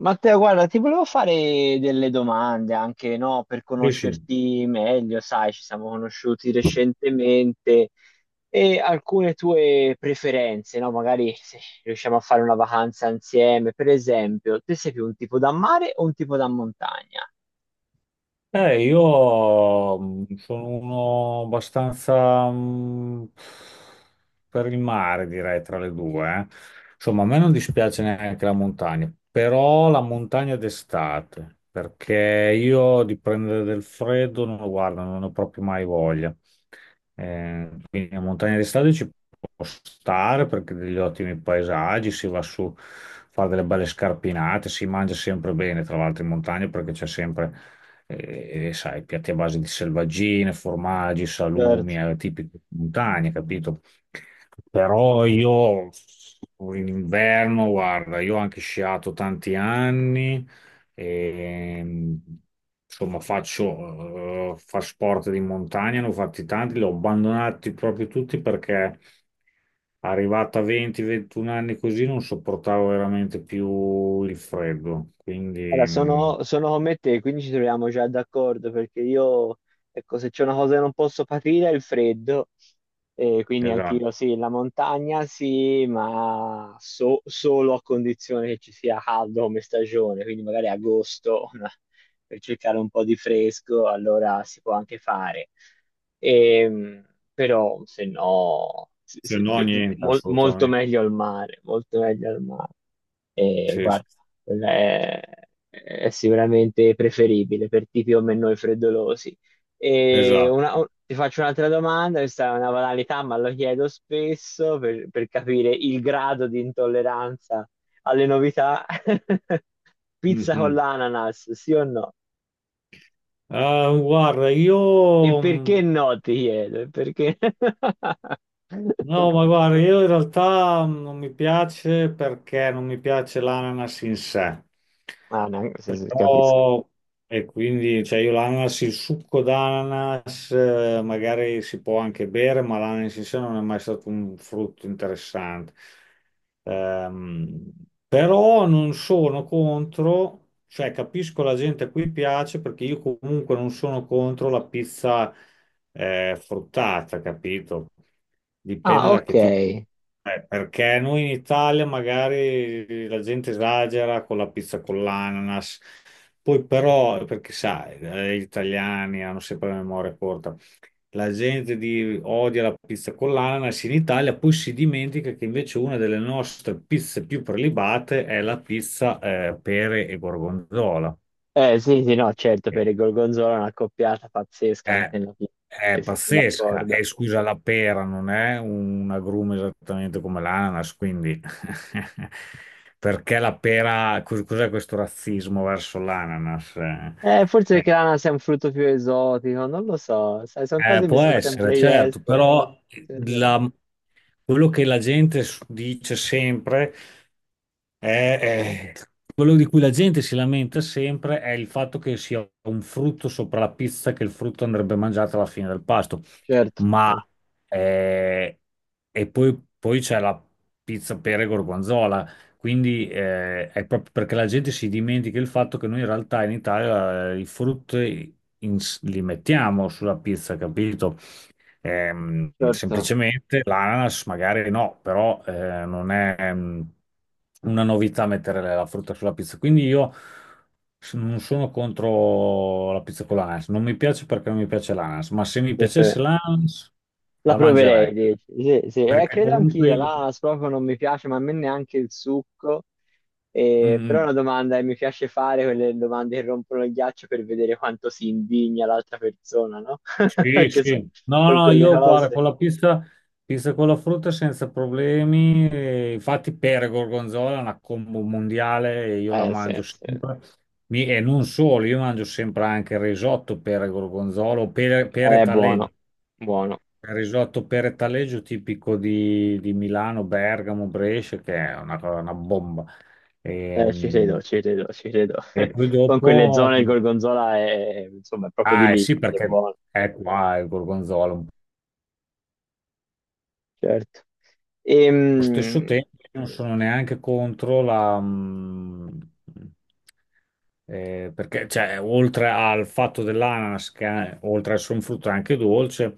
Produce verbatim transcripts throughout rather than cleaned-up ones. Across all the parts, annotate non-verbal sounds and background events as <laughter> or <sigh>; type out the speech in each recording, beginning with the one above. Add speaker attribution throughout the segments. Speaker 1: Matteo, guarda, ti volevo fare delle domande anche, no, per
Speaker 2: Sì, sì.
Speaker 1: conoscerti meglio, sai, ci siamo conosciuti recentemente e alcune tue preferenze, no? Magari se riusciamo a fare una vacanza insieme, per esempio, te sei più un tipo da mare o un tipo da montagna?
Speaker 2: Eh, io mh, sono uno abbastanza mh, per il mare, direi, tra le due. eh. Insomma, a me non dispiace neanche la montagna, però la montagna d'estate, perché io di prendere del freddo non lo guardo, non ho proprio mai voglia. Eh, quindi la montagna d'estate ci può stare perché degli ottimi paesaggi, si va su, fa delle belle scarpinate, si mangia sempre bene, tra l'altro in montagna perché c'è sempre e, e sai, piatti a base di selvaggine, formaggi, salumi,
Speaker 1: Certo.
Speaker 2: eh, tipici di montagna, capito? Però io in inverno, guarda, io ho anche sciato tanti anni, e, insomma, faccio, eh, fa sport di montagna, ne ho fatti tanti, li ho abbandonati proprio tutti perché arrivata a venti ventuno anni così non sopportavo veramente più il freddo. Quindi,
Speaker 1: Allora,
Speaker 2: mm,
Speaker 1: sono, sono come te, quindi ci troviamo già d'accordo perché io, ecco, se c'è una cosa che non posso patire è il freddo, e quindi
Speaker 2: esatto.
Speaker 1: anch'io sì, la montagna sì, ma so- solo a condizione che ci sia caldo come stagione, quindi magari agosto <laughs> una- per cercare un po' di fresco, allora si può anche fare. Ehm, Però se no, sì,
Speaker 2: Se
Speaker 1: sì,
Speaker 2: no,
Speaker 1: beh,
Speaker 2: niente,
Speaker 1: mol- molto
Speaker 2: assolutamente.
Speaker 1: meglio al mare, molto meglio al mare. E
Speaker 2: Sì, sì,
Speaker 1: guarda è, è sicuramente preferibile per tipi come noi freddolosi. E una-
Speaker 2: esatto.
Speaker 1: o- ti faccio un'altra domanda, questa è una banalità, ma lo chiedo spesso per, per capire il grado di intolleranza alle novità. <laughs> Pizza con
Speaker 2: Mhm.
Speaker 1: l'ananas, sì o no?
Speaker 2: Ah, guarda, io...
Speaker 1: E perché
Speaker 2: mh,
Speaker 1: no, ti chiedo, e perché... <laughs>
Speaker 2: No, ma guarda, io in realtà mh, non mi piace perché non mi piace l'ananas in sé.
Speaker 1: Ah, no, sì, sì, capisco.
Speaker 2: Però... E quindi, cioè, io l'ananas, il succo d'ananas, eh, magari si può anche bere, ma l'ananas in sé non è mai stato un frutto interessante. Ehm, Però non sono contro, cioè capisco la gente a cui piace perché io comunque non sono contro la pizza eh, fruttata, capito? Dipende
Speaker 1: Ah,
Speaker 2: da che tipo.
Speaker 1: ok.
Speaker 2: Eh, perché noi in Italia magari la gente esagera con la pizza con l'ananas, poi però, perché sai, eh, gli italiani hanno sempre la memoria corta. La gente di- odia la pizza con l'ananas in Italia, poi si dimentica che invece una delle nostre pizze più prelibate è la pizza eh, pere e gorgonzola.
Speaker 1: Eh sì, sì, no, certo,
Speaker 2: Sì.
Speaker 1: per il Gorgonzola è una coppiata pazzesca
Speaker 2: È,
Speaker 1: anche nella pizza,
Speaker 2: è
Speaker 1: sì, sì, sono
Speaker 2: pazzesca.
Speaker 1: d'accordo.
Speaker 2: E scusa, la pera non è un agrume esattamente come l'ananas, quindi <laughs> perché la pera, cos- cos'è questo razzismo verso l'ananas? Eh,
Speaker 1: Eh, forse perché
Speaker 2: eh,
Speaker 1: l'ananas è un frutto più esotico, non lo so, sai, sono cose
Speaker 2: Eh,
Speaker 1: che mi
Speaker 2: può
Speaker 1: sono
Speaker 2: essere,
Speaker 1: sempre
Speaker 2: certo,
Speaker 1: chiesto.
Speaker 2: però
Speaker 1: Sì, sì.
Speaker 2: la- quello che la gente s- dice sempre è, è- quello di cui la gente si lamenta sempre è il fatto che sia un frutto sopra la pizza, che il frutto andrebbe mangiato alla fine del pasto,
Speaker 1: Certo,
Speaker 2: ma eh, e poi, poi c'è la pizza pere gorgonzola, quindi eh, è proprio perché la gente si dimentica il fatto che noi in realtà in Italia eh, i frutti in- li mettiamo sulla pizza, capito? Ehm,
Speaker 1: certo,
Speaker 2: semplicemente l'ananas magari no, però eh, non è ehm, una novità mettere la frutta sulla pizza. Quindi io s- non sono contro la pizza con l'ananas. Non mi piace perché non mi piace l'ananas, ma se mi
Speaker 1: sì, sì.
Speaker 2: piacesse l'ananas
Speaker 1: La
Speaker 2: la mangerei.
Speaker 1: proverei, dici. Sì, sì, eh,
Speaker 2: Perché
Speaker 1: credo
Speaker 2: comunque
Speaker 1: anch'io,
Speaker 2: io,
Speaker 1: l'ananas proprio non mi piace, ma a me neanche il succo, eh, però è
Speaker 2: Mm,
Speaker 1: una domanda che mi piace fare, quelle domande che rompono il ghiaccio per vedere quanto si indigna l'altra persona, no? <laughs>
Speaker 2: sì,
Speaker 1: Perché
Speaker 2: sì. No,
Speaker 1: sono
Speaker 2: no,
Speaker 1: quelle
Speaker 2: io guarda,
Speaker 1: cose.
Speaker 2: con la pizza, pizza con la frutta senza problemi. E infatti per gorgonzola è una combo mondiale e io la
Speaker 1: Eh sì,
Speaker 2: mangio
Speaker 1: sì.
Speaker 2: sempre. Mi- e non solo, io mangio sempre anche il risotto per gorgonzola o per, pere
Speaker 1: È
Speaker 2: taleggio.
Speaker 1: buono, buono.
Speaker 2: Il risotto pere taleggio tipico di, di Milano, Bergamo, Brescia, che è una, cosa- una bomba. E,
Speaker 1: Eh, ci credo, ci credo, ci credo.
Speaker 2: e
Speaker 1: <laughs>
Speaker 2: poi
Speaker 1: Con
Speaker 2: dopo...
Speaker 1: quelle zone il gorgonzola è, insomma, è proprio di
Speaker 2: Ah, eh
Speaker 1: lì,
Speaker 2: sì,
Speaker 1: quindi è
Speaker 2: perché
Speaker 1: buono,
Speaker 2: è qua il gorgonzola.
Speaker 1: certo.
Speaker 2: Allo stesso
Speaker 1: Ehm,
Speaker 2: tempo, io non sono neanche contro la... mh, eh, perché, cioè, oltre al fatto dell'ananas, che è- oltre ad essere un frutto è anche dolce,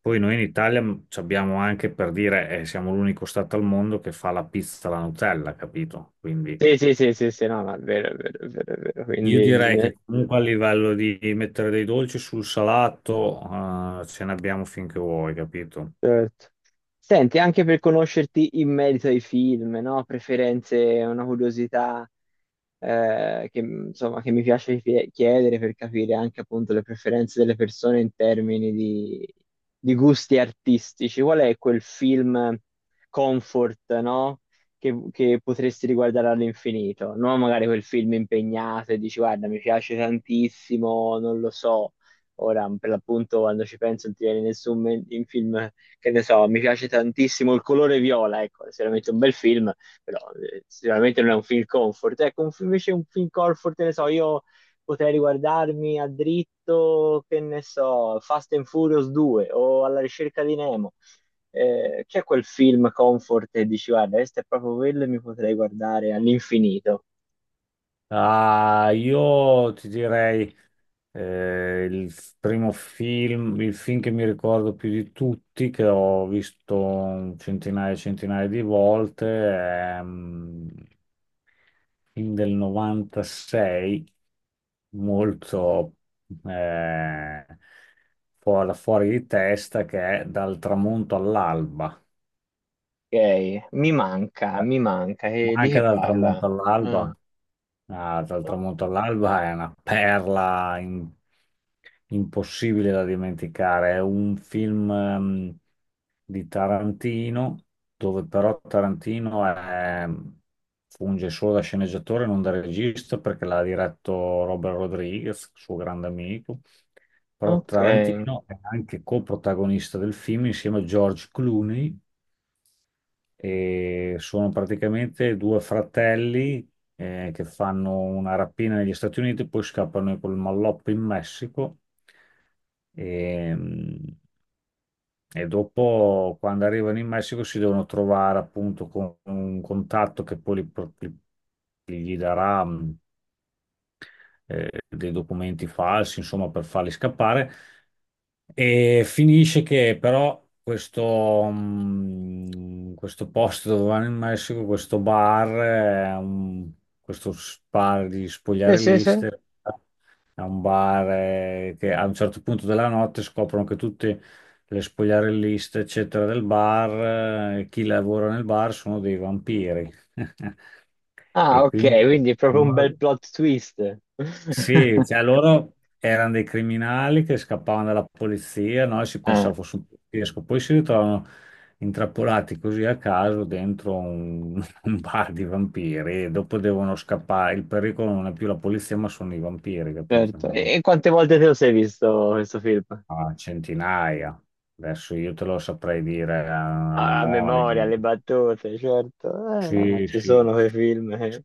Speaker 2: poi noi in Italia mh, ci abbiamo anche, per dire, eh, siamo l'unico stato al mondo che fa la pizza alla Nutella, capito? Quindi
Speaker 1: sì, sì, sì, sì, sì, no, no, è vero, è vero, è vero, è vero.
Speaker 2: io
Speaker 1: Quindi
Speaker 2: direi
Speaker 1: bisogna...
Speaker 2: che comunque a livello di mettere dei dolci sul salato, eh, ce ne abbiamo finché vuoi, capito?
Speaker 1: Certo. Senti, anche per conoscerti in merito ai film, no? Preferenze, una curiosità eh, che, insomma, che mi piace chie- chiedere per capire anche appunto le preferenze delle persone in termini di, di gusti artistici. Qual è quel film comfort, no? Che, che potresti riguardare all'infinito? Non magari quel film impegnato e dici, guarda, mi piace tantissimo, non lo so. Ora, per l'appunto, quando ci penso, non ti viene nessun me- in film che ne so, mi piace tantissimo il colore viola, ecco, è sicuramente un bel film, però eh, sicuramente non è un film comfort. Ecco, un film- invece un film comfort, che ne so, io potrei riguardarmi a dritto, che ne so, Fast and Furious due o Alla ricerca di Nemo. Eh, c'è quel film comfort e dici, guarda, questo è proprio quello e mi potrei guardare all'infinito.
Speaker 2: Ah, io ti direi... Eh, il f- primo film, il film che mi ricordo più di tutti, che ho visto centinaia e centinaia di volte, è mm, film del novantasei, molto eh, fu- fuori di testa, che è Dal tramonto all'alba.
Speaker 1: Ok, mi manca,
Speaker 2: Eh,
Speaker 1: mi manca.
Speaker 2: Ma
Speaker 1: E di
Speaker 2: anche
Speaker 1: che
Speaker 2: dal
Speaker 1: parla?
Speaker 2: tramonto
Speaker 1: Ah,
Speaker 2: all'alba. Ah, dal tramonto all'alba è una perla im- impossibile da dimenticare. È un film ehm, di Tarantino, dove però Tarantino è- funge solo da sceneggiatore, non da regista, perché l'ha diretto Robert Rodriguez, suo grande amico. Però
Speaker 1: ok.
Speaker 2: Tarantino è anche coprotagonista del film insieme a George Clooney e sono praticamente due fratelli eh, che fanno una rapina negli Stati Uniti, poi scappano col malloppo in Messico e, e dopo, quando arrivano in Messico, si devono trovare appunto con un contatto che poi li- li- gli darà mh, eh, dei documenti falsi, insomma, per farli scappare. E finisce che però questo, mm, questo posto dove vanno in Messico, questo bar, è un- questo bar di
Speaker 1: Sì, sì, sì.
Speaker 2: spogliarelliste, è un bar eh, che a un certo punto della notte scoprono che tutte le spogliarelliste, eccetera, del bar, eh, chi lavora nel bar sono dei vampiri. <laughs>
Speaker 1: Ah,
Speaker 2: E quindi
Speaker 1: ok, quindi è proprio un bel plot twist. <laughs>
Speaker 2: sì, cioè loro erano dei criminali che scappavano dalla polizia, no? E si
Speaker 1: Ah,
Speaker 2: pensava fosse un poliziesco, poi si ritrovano intrappolati così a caso dentro un, <laughs> un bar di vampiri e dopo devono scappare. Il pericolo non è più la polizia, ma sono i vampiri, capito? Ne
Speaker 1: certo.
Speaker 2: hanno
Speaker 1: E, e quante volte te lo sei visto questo film?
Speaker 2: a centinaia. Adesso io te lo saprei dire a, a
Speaker 1: Ah, a
Speaker 2: memoria.
Speaker 1: memoria, le battute, certo. Eh, no, no,
Speaker 2: Sì,
Speaker 1: ci
Speaker 2: sì.
Speaker 1: sono quei film. Eh.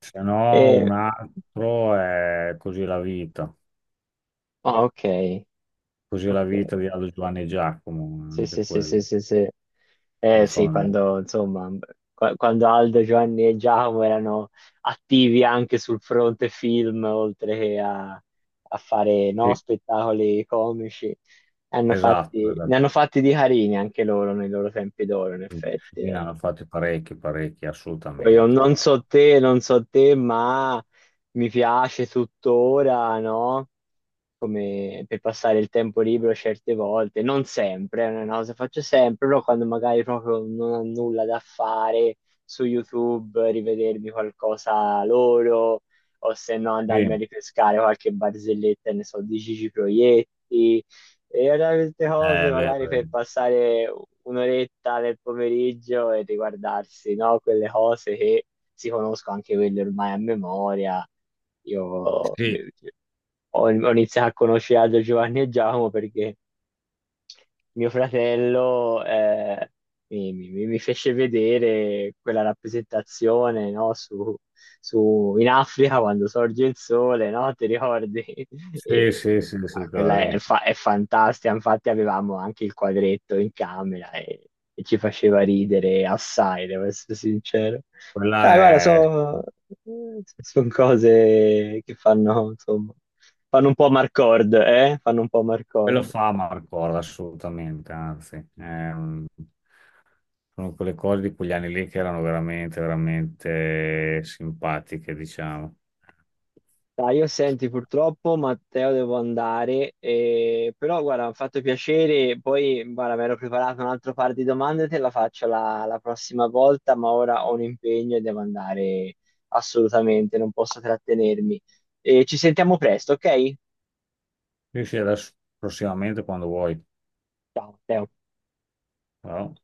Speaker 2: Se no,
Speaker 1: E-
Speaker 2: un altro è così la vita.
Speaker 1: ah, ok,
Speaker 2: Così la vita
Speaker 1: ok.
Speaker 2: di Aldo Giovanni e Giacomo,
Speaker 1: Sì,
Speaker 2: anche
Speaker 1: sì, sì,
Speaker 2: quello,
Speaker 1: sì, sì, sì.
Speaker 2: lo
Speaker 1: Eh
Speaker 2: so,
Speaker 1: sì,
Speaker 2: il mo-
Speaker 1: quando insomma, qua- quando Aldo, Giovanni e Giacomo erano attivi anche sul fronte film, oltre che a, a fare no,
Speaker 2: sì,
Speaker 1: spettacoli comici, hanno
Speaker 2: esatto,
Speaker 1: fatti- ne
Speaker 2: esatto.
Speaker 1: hanno fatti di carini anche loro nei loro tempi d'oro, in effetti.
Speaker 2: Sì, ne
Speaker 1: Eh.
Speaker 2: hanno fatti parecchi, parecchi,
Speaker 1: Poi io
Speaker 2: assolutamente,
Speaker 1: non
Speaker 2: guarda.
Speaker 1: so te, non so te, ma mi piace tuttora, no? Come per passare il tempo libero certe volte, non sempre, non è una cosa che faccio sempre, però quando magari proprio non ho nulla da fare su YouTube, rivedermi qualcosa loro, o se no
Speaker 2: Sì,
Speaker 1: andarmi
Speaker 2: eh,
Speaker 1: a ripescare qualche barzelletta, ne so, di Gigi Proietti, e allora queste cose
Speaker 2: beh,
Speaker 1: magari per passare un'oretta del pomeriggio e riguardarsi, no? Quelle cose che si conosco anche quelle ormai a memoria. Io
Speaker 2: sì,
Speaker 1: ho, ho iniziato a conoscere Aldo, Giovanni e Giacomo perché mio fratello eh, mi, mi- mi fece vedere quella rappresentazione, no, su, su- in Africa quando sorge il sole, no? Ti ricordi? <laughs>
Speaker 2: sì,
Speaker 1: E,
Speaker 2: sì, sì,
Speaker 1: ah,
Speaker 2: sì, quella
Speaker 1: quella è,
Speaker 2: lì.
Speaker 1: fa- è fantastica, infatti avevamo anche il quadretto in camera e, e ci faceva ridere assai, devo essere sincero.
Speaker 2: Quella
Speaker 1: Dai, guarda,
Speaker 2: è...
Speaker 1: sono cose che fanno, insomma, fanno un po' Marcord, eh? Fanno un po'
Speaker 2: Quello
Speaker 1: Marcord.
Speaker 2: fa Marcola, assolutamente, anzi. Ehm, sono quelle cose di quegli anni lì che erano veramente, veramente simpatiche, diciamo.
Speaker 1: Dai, io senti purtroppo Matteo devo andare, eh, però guarda, mi ha fatto piacere, poi guarda, mi ero preparato un altro par di domande, te la faccio la, la prossima volta, ma ora ho un impegno e devo andare assolutamente, non posso trattenermi. Eh, ci sentiamo presto, ok?
Speaker 2: Sì, sì, adesso prossimamente quando vuoi.
Speaker 1: Ciao, Matteo.
Speaker 2: Ciao.